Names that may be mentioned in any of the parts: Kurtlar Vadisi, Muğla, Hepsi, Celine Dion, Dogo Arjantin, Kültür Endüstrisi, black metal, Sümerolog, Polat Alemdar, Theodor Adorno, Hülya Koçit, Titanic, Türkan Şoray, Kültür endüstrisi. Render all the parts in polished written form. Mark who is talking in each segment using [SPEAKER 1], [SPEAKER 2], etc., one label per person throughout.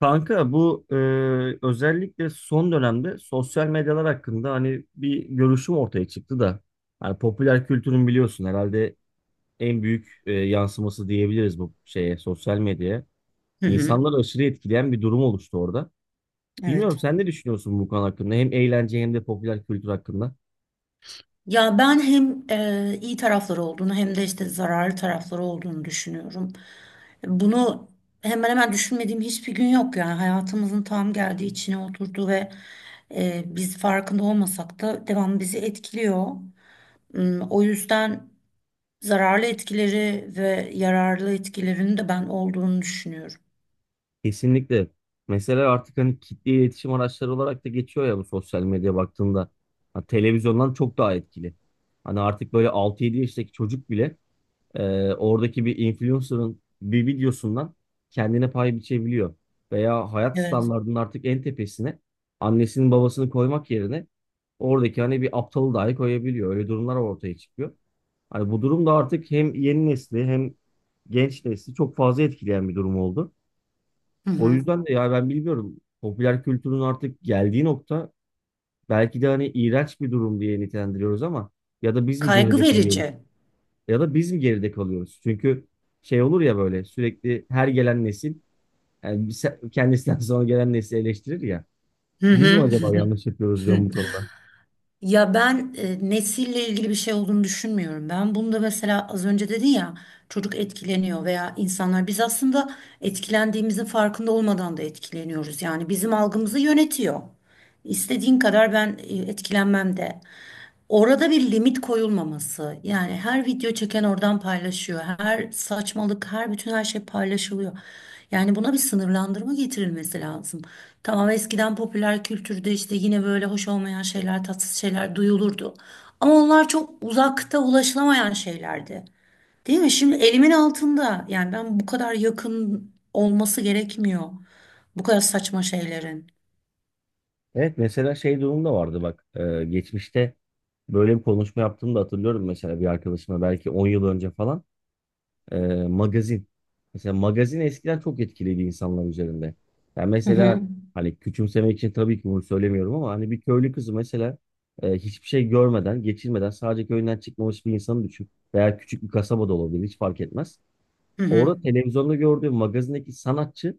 [SPEAKER 1] Kanka bu özellikle son dönemde sosyal medyalar hakkında hani bir görüşüm ortaya çıktı da hani popüler kültürün biliyorsun herhalde en büyük yansıması diyebiliriz bu şeye sosyal medyaya.
[SPEAKER 2] Hı hı,
[SPEAKER 1] İnsanları aşırı etkileyen bir durum oluştu orada. Bilmiyorum
[SPEAKER 2] evet.
[SPEAKER 1] sen ne düşünüyorsun bu konu hakkında hem eğlence hem de popüler kültür hakkında?
[SPEAKER 2] Ya ben hem iyi tarafları olduğunu hem de işte zararlı tarafları olduğunu düşünüyorum. Bunu hemen hemen düşünmediğim hiçbir gün yok, yani hayatımızın tam geldiği içine oturdu ve biz farkında olmasak da devamlı bizi etkiliyor. Hmm, o yüzden zararlı etkileri ve yararlı etkilerinin de ben olduğunu düşünüyorum.
[SPEAKER 1] Kesinlikle. Mesela artık hani kitle iletişim araçları olarak da geçiyor ya bu sosyal medya baktığında. Ha, televizyondan çok daha etkili. Hani artık böyle altı yedi yaştaki çocuk bile oradaki bir influencer'ın bir videosundan kendine pay biçebiliyor. Veya hayat
[SPEAKER 2] Evet.
[SPEAKER 1] standartının artık en tepesine annesinin babasını koymak yerine oradaki hani bir aptalı dahi koyabiliyor. Öyle durumlar ortaya çıkıyor. Hani bu durum da artık hem yeni nesli hem genç nesli çok fazla etkileyen bir durum oldu.
[SPEAKER 2] Hı
[SPEAKER 1] O
[SPEAKER 2] hı.
[SPEAKER 1] yüzden de ya ben bilmiyorum popüler kültürün artık geldiği nokta belki de hani iğrenç bir durum diye nitelendiriyoruz ama ya da biz mi
[SPEAKER 2] Kaygı
[SPEAKER 1] geride kalıyoruz?
[SPEAKER 2] verici.
[SPEAKER 1] Çünkü şey olur ya böyle sürekli her gelen nesil yani kendisinden sonra gelen nesli eleştirir ya.
[SPEAKER 2] Hı
[SPEAKER 1] Biz mi
[SPEAKER 2] hı.
[SPEAKER 1] acaba yanlış yapıyoruz diyorum bu konuda.
[SPEAKER 2] Ya ben nesille ilgili bir şey olduğunu düşünmüyorum. Ben bunu da, mesela az önce dedin ya, çocuk etkileniyor veya insanlar, biz aslında etkilendiğimizin farkında olmadan da etkileniyoruz. Yani bizim algımızı yönetiyor. İstediğin kadar ben etkilenmem de. Orada bir limit koyulmaması. Yani her video çeken oradan paylaşıyor. Her saçmalık, her bütün her şey paylaşılıyor. Yani buna bir sınırlandırma getirilmesi lazım. Tamam, eskiden popüler kültürde işte yine böyle hoş olmayan şeyler, tatsız şeyler duyulurdu. Ama onlar çok uzakta, ulaşılamayan şeylerdi. Değil mi? Şimdi elimin altında. Yani ben bu kadar yakın olması gerekmiyor. Bu kadar saçma şeylerin.
[SPEAKER 1] Evet, mesela şey durumda vardı bak geçmişte böyle bir konuşma yaptığımda hatırlıyorum mesela bir arkadaşıma belki 10 yıl önce falan. e, Magazin. Mesela magazin eskiden çok etkiledi insanlar üzerinde. Yani
[SPEAKER 2] Hı
[SPEAKER 1] mesela
[SPEAKER 2] hı.
[SPEAKER 1] hani küçümsemek için tabii ki bunu söylemiyorum ama hani bir köylü kızı mesela hiçbir şey görmeden, geçirmeden sadece köyünden çıkmamış bir insanı düşün. Veya küçük bir kasaba da olabilir, hiç fark etmez.
[SPEAKER 2] Hı hı.
[SPEAKER 1] Orada televizyonda gördüğü magazindeki sanatçı,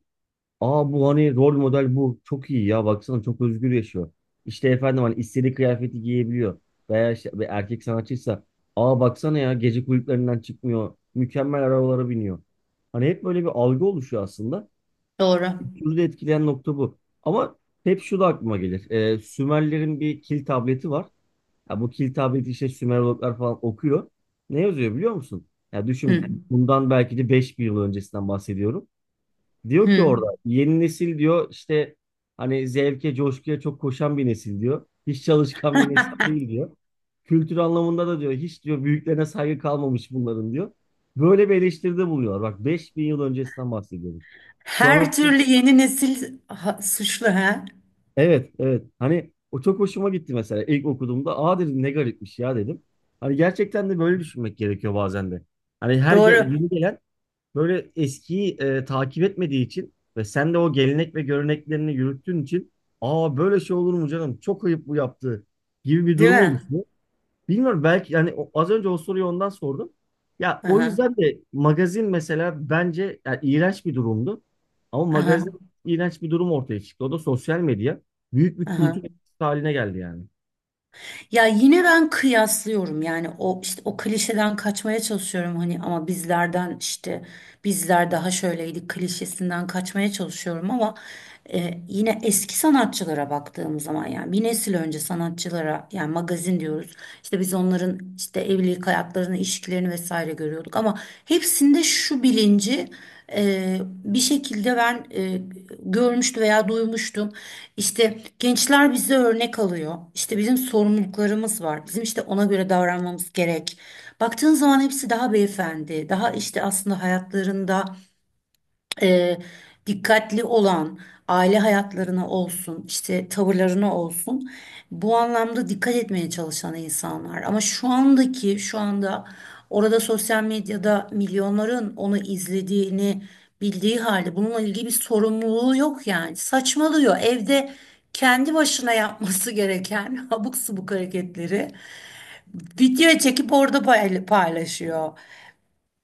[SPEAKER 1] aa bu hani rol model bu. Çok iyi ya baksana, çok özgür yaşıyor. İşte efendim hani istediği kıyafeti giyebiliyor. Veya işte bir erkek sanatçıysa aa baksana ya, gece kulüplerinden çıkmıyor. Mükemmel arabalara biniyor. Hani hep böyle bir algı oluşuyor aslında.
[SPEAKER 2] Doğru.
[SPEAKER 1] Kültürü de etkileyen nokta bu. Ama hep şu da aklıma gelir. Sümerlerin bir kil tableti var. Ya bu kil tableti işte Sümerologlar falan okuyor. Ne yazıyor biliyor musun? Ya
[SPEAKER 2] Hı
[SPEAKER 1] düşün, bundan belki de 5000 yıl öncesinden bahsediyorum. Diyor ki
[SPEAKER 2] hı.
[SPEAKER 1] orada yeni nesil diyor işte hani zevke, coşkuya çok koşan bir nesil diyor. Hiç çalışkan bir nesil değil diyor. Kültür anlamında da diyor hiç diyor büyüklerine saygı kalmamış bunların diyor. Böyle bir eleştiride buluyor. Bak, 5000 yıl öncesinden bahsediyorum. Şu an
[SPEAKER 2] Her
[SPEAKER 1] aslında
[SPEAKER 2] türlü yeni nesil suçlu ha?
[SPEAKER 1] evet, evet, hani o çok hoşuma gitti mesela ilk okuduğumda aa dedim ne garipmiş ya dedim. Hani gerçekten de böyle düşünmek gerekiyor bazen de. Hani
[SPEAKER 2] Doğru,
[SPEAKER 1] yeni gelen böyle eskiyi takip etmediği için ve sen de o gelenek ve göreneklerini yürüttüğün için aa böyle şey olur mu canım çok ayıp bu yaptığı gibi bir
[SPEAKER 2] değil
[SPEAKER 1] durum
[SPEAKER 2] mi?
[SPEAKER 1] oluşuyor. Bilmiyorum belki yani az önce o soruyu ondan sordum. Ya o
[SPEAKER 2] Aha,
[SPEAKER 1] yüzden de magazin mesela bence yani iğrenç bir durumdu. Ama
[SPEAKER 2] aha,
[SPEAKER 1] magazin iğrenç bir durum ortaya çıktı. O da sosyal medya. Büyük bir kültür
[SPEAKER 2] aha.
[SPEAKER 1] haline geldi yani.
[SPEAKER 2] Ya yine ben kıyaslıyorum, yani o işte o klişeden kaçmaya çalışıyorum hani, ama bizlerden işte bizler daha şöyleydik klişesinden kaçmaya çalışıyorum, ama yine eski sanatçılara baktığım zaman, yani bir nesil önce sanatçılara, yani magazin diyoruz işte, biz onların işte evlilik hayatlarını, ilişkilerini vesaire görüyorduk, ama hepsinde şu bilinci Ee, bir şekilde ben görmüştüm veya duymuştum. İşte gençler bize örnek alıyor. İşte bizim sorumluluklarımız var. Bizim işte ona göre davranmamız gerek. Baktığın zaman hepsi daha beyefendi, daha işte aslında hayatlarında e, dikkatli olan, aile hayatlarına olsun, işte tavırlarına olsun. Bu anlamda dikkat etmeye çalışan insanlar. Ama şu andaki, şu anda orada sosyal medyada milyonların onu izlediğini bildiği halde bununla ilgili bir sorumluluğu yok yani. Saçmalıyor. Evde kendi başına yapması gereken abuk subuk hareketleri video çekip orada paylaşıyor.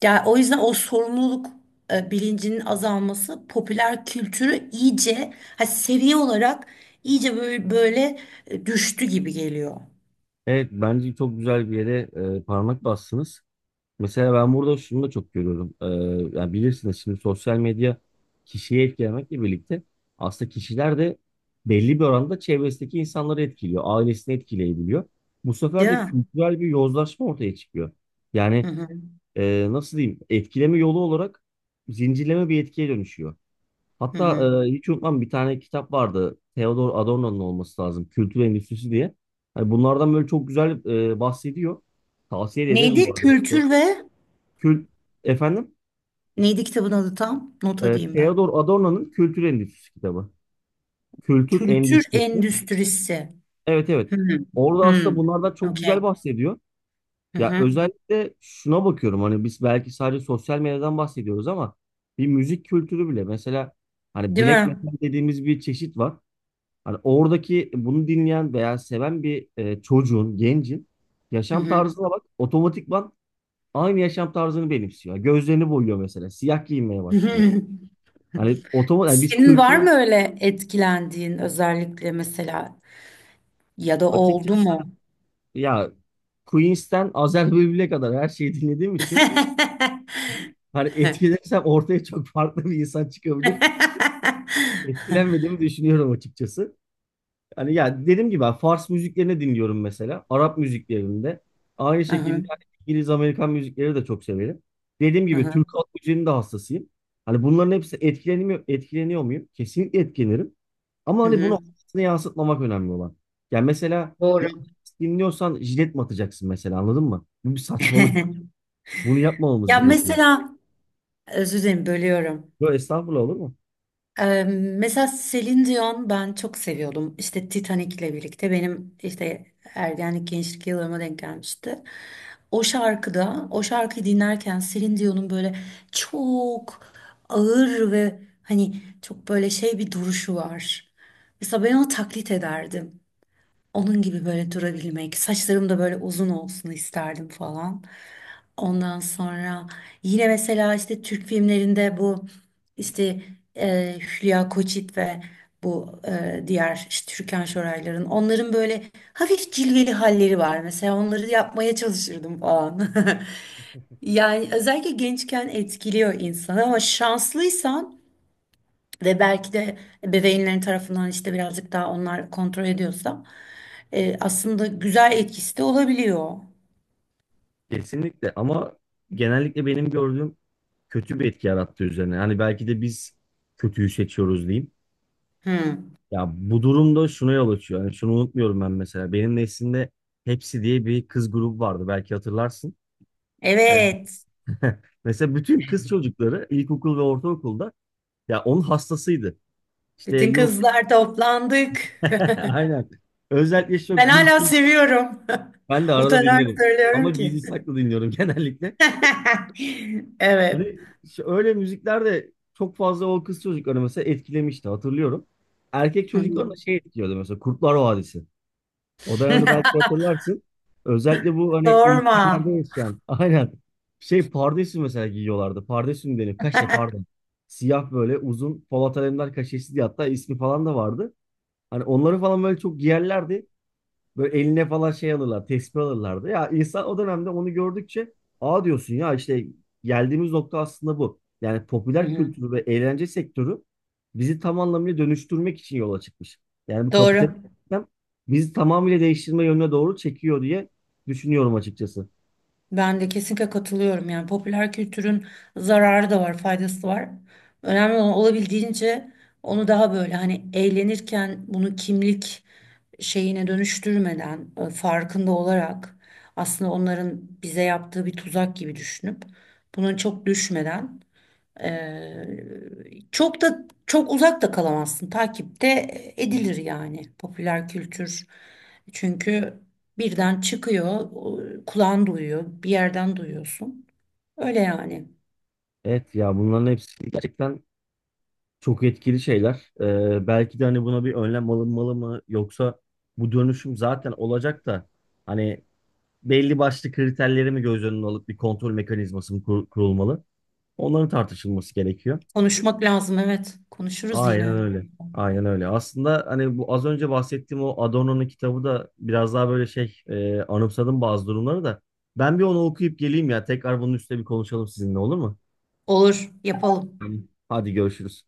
[SPEAKER 2] Yani o yüzden o sorumluluk bilincinin azalması popüler kültürü iyice, ha, seviye olarak iyice böyle, böyle düştü gibi geliyor.
[SPEAKER 1] Evet bence çok güzel bir yere parmak bastınız. Mesela ben burada şunu da çok görüyorum. Yani bilirsiniz şimdi sosyal medya kişiye etkilemekle birlikte aslında kişiler de belli bir oranda çevresindeki insanları etkiliyor. Ailesini etkileyebiliyor. Bu sefer
[SPEAKER 2] Değil
[SPEAKER 1] de
[SPEAKER 2] mi?
[SPEAKER 1] kültürel bir yozlaşma ortaya çıkıyor.
[SPEAKER 2] Hı
[SPEAKER 1] Yani
[SPEAKER 2] hı,
[SPEAKER 1] nasıl diyeyim, etkileme yolu olarak zincirleme bir etkiye dönüşüyor.
[SPEAKER 2] hı
[SPEAKER 1] Hatta
[SPEAKER 2] hı.
[SPEAKER 1] hiç unutmam bir tane kitap vardı. Theodor Adorno'nun olması lazım. Kültür Endüstrisi diye. Hani bunlardan böyle çok güzel bahsediyor. Tavsiye de ederim bu
[SPEAKER 2] Neydi
[SPEAKER 1] arada.
[SPEAKER 2] kültür ve
[SPEAKER 1] Kül Efendim,
[SPEAKER 2] neydi kitabın adı tam? Not alayım ben.
[SPEAKER 1] Theodor Adorno'nun Kültür Endüstrisi kitabı. Kültür
[SPEAKER 2] Kültür
[SPEAKER 1] Endüstrisi.
[SPEAKER 2] endüstrisi.
[SPEAKER 1] Evet, evet.
[SPEAKER 2] Hı hı.
[SPEAKER 1] Orada
[SPEAKER 2] Hı.
[SPEAKER 1] aslında bunlardan çok güzel
[SPEAKER 2] Okey.
[SPEAKER 1] bahsediyor.
[SPEAKER 2] Hı
[SPEAKER 1] Ya
[SPEAKER 2] hı.
[SPEAKER 1] özellikle şuna bakıyorum, hani biz belki sadece sosyal medyadan bahsediyoruz ama bir müzik kültürü bile mesela hani
[SPEAKER 2] Değil
[SPEAKER 1] black
[SPEAKER 2] mi?
[SPEAKER 1] metal dediğimiz bir çeşit var. Hani oradaki bunu dinleyen veya seven bir çocuğun, gencin
[SPEAKER 2] Hı
[SPEAKER 1] yaşam
[SPEAKER 2] hı.
[SPEAKER 1] tarzına bak otomatikman aynı yaşam tarzını benimsiyor. Gözlerini boyuyor mesela. Siyah giyinmeye
[SPEAKER 2] Hı
[SPEAKER 1] başlıyor.
[SPEAKER 2] hı.
[SPEAKER 1] Hani otomatik, yani biz
[SPEAKER 2] Senin var
[SPEAKER 1] kültürel
[SPEAKER 2] mı öyle etkilendiğin, özellikle mesela, ya da oldu
[SPEAKER 1] açıkçası
[SPEAKER 2] mu?
[SPEAKER 1] ya Queens'ten Azer Bülbül'e kadar her şeyi dinlediğim için hani etkilensem ortaya çok farklı bir insan çıkabilir. Etkilenmediğimi düşünüyorum açıkçası. Hani ya dediğim gibi ben Fars müziklerini dinliyorum mesela. Arap müziklerinde. Aynı
[SPEAKER 2] Aha,
[SPEAKER 1] şekilde hani İngiliz Amerikan müzikleri de çok severim. Dediğim gibi
[SPEAKER 2] aha,
[SPEAKER 1] Türk halk müziğinin de hassasıyım. Hani bunların hepsi etkileniyor, etkileniyor muyum? Kesinlikle etkilenirim. Ama
[SPEAKER 2] hı
[SPEAKER 1] hani bunu
[SPEAKER 2] hı.
[SPEAKER 1] hayatına yansıtmamak önemli olan. Yani mesela bir
[SPEAKER 2] Doğru.
[SPEAKER 1] artist dinliyorsan jilet mi atacaksın mesela, anladın mı? Bu bir saçmalık. Bunu yapmamamız
[SPEAKER 2] Ya
[SPEAKER 1] gerekiyor.
[SPEAKER 2] mesela, özür dilerim bölüyorum.
[SPEAKER 1] Böyle estağfurullah olur mu?
[SPEAKER 2] Ee, mesela Celine Dion ben çok seviyordum. İşte Titanic'le birlikte benim işte ergenlik gençlik yıllarıma denk gelmişti. O şarkıda, o şarkıyı dinlerken Celine Dion'un böyle çok ağır ve hani çok böyle şey bir duruşu var. Mesela ben onu taklit ederdim. Onun gibi böyle durabilmek, saçlarım da böyle uzun olsun isterdim falan. Ondan sonra yine mesela işte Türk filmlerinde bu işte Hülya Koçit ve bu diğer işte Türkan Şorayların, onların böyle hafif cilveli halleri var. Mesela onları yapmaya çalışırdım falan. Yani özellikle gençken etkiliyor insanı, ama şanslıysan ve belki de ebeveynlerin tarafından işte birazcık daha onlar kontrol ediyorsa aslında güzel etkisi de olabiliyor.
[SPEAKER 1] Kesinlikle, ama genellikle benim gördüğüm kötü bir etki yarattı üzerine. Hani belki de biz kötüyü seçiyoruz diyeyim.
[SPEAKER 2] Hmm.
[SPEAKER 1] Ya bu durumda şuna yol açıyor. Yani şunu unutmuyorum ben mesela. Benim neslimde Hepsi diye bir kız grubu vardı. Belki hatırlarsın. Evet.
[SPEAKER 2] Evet.
[SPEAKER 1] Mesela bütün kız çocukları ilkokul ve ortaokulda ya onun hastasıydı. İşte
[SPEAKER 2] Bütün
[SPEAKER 1] yok.
[SPEAKER 2] kızlar toplandık.
[SPEAKER 1] Aynen. Özellikle çok
[SPEAKER 2] Ben hala
[SPEAKER 1] gülçin.
[SPEAKER 2] seviyorum.
[SPEAKER 1] Ben de arada
[SPEAKER 2] Utanarak
[SPEAKER 1] dinlerim. Ama
[SPEAKER 2] söylüyorum ki.
[SPEAKER 1] gizli saklı dinliyorum genellikle.
[SPEAKER 2] Evet.
[SPEAKER 1] Hani öyle müzikler de çok fazla o kız çocukları mesela etkilemişti, hatırlıyorum. Erkek
[SPEAKER 2] Hı
[SPEAKER 1] çocukları da
[SPEAKER 2] hı.
[SPEAKER 1] şey etkiliyordu mesela Kurtlar Vadisi. O dönemde belki hatırlarsın. Özellikle bu hani
[SPEAKER 2] Sorma.
[SPEAKER 1] ilçelerde yaşayan. Aynen. Şey pardesü mesela giyiyorlardı. Pardesü mü denir? Kaşe, pardon. Siyah böyle uzun Polat Alemdar kaşesi diye hatta ismi falan da vardı. Hani onları falan böyle çok giyerlerdi. Böyle eline falan şey alırlar, tespih alırlardı. Ya insan o dönemde onu gördükçe aa diyorsun ya işte geldiğimiz nokta aslında bu. Yani
[SPEAKER 2] Hı
[SPEAKER 1] popüler
[SPEAKER 2] hı.
[SPEAKER 1] kültürü ve eğlence sektörü bizi tam anlamıyla dönüştürmek için yola çıkmış. Yani bu
[SPEAKER 2] Doğru.
[SPEAKER 1] kapitalist sistem bizi tamamıyla değiştirme yönüne doğru çekiyor diye düşünüyorum açıkçası.
[SPEAKER 2] Ben de kesinlikle katılıyorum. Yani popüler kültürün zararı da var, faydası da var. Önemli olan olabildiğince onu daha böyle hani eğlenirken bunu kimlik şeyine dönüştürmeden, farkında olarak aslında onların bize yaptığı bir tuzak gibi düşünüp buna çok düşmeden, ee, çok da çok uzak da kalamazsın. Takipte edilir yani popüler kültür. Çünkü birden çıkıyor, kulağın duyuyor, bir yerden duyuyorsun. Öyle yani.
[SPEAKER 1] Evet ya bunların hepsi gerçekten çok etkili şeyler. Belki de hani buna bir önlem alınmalı mı, yoksa bu dönüşüm zaten olacak da hani belli başlı kriterleri mi göz önüne alıp bir kontrol mekanizması mı kurulmalı? Onların tartışılması gerekiyor.
[SPEAKER 2] Konuşmak lazım, evet. Konuşuruz
[SPEAKER 1] Aynen
[SPEAKER 2] yine.
[SPEAKER 1] öyle. Aynen öyle. Aslında hani bu az önce bahsettiğim o Adorno'nun kitabı da biraz daha böyle şey anımsadım bazı durumları da. Ben bir onu okuyup geleyim ya. Tekrar bunun üstüne bir konuşalım sizinle, olur mu?
[SPEAKER 2] Olur, yapalım.
[SPEAKER 1] Tamam. Hadi görüşürüz.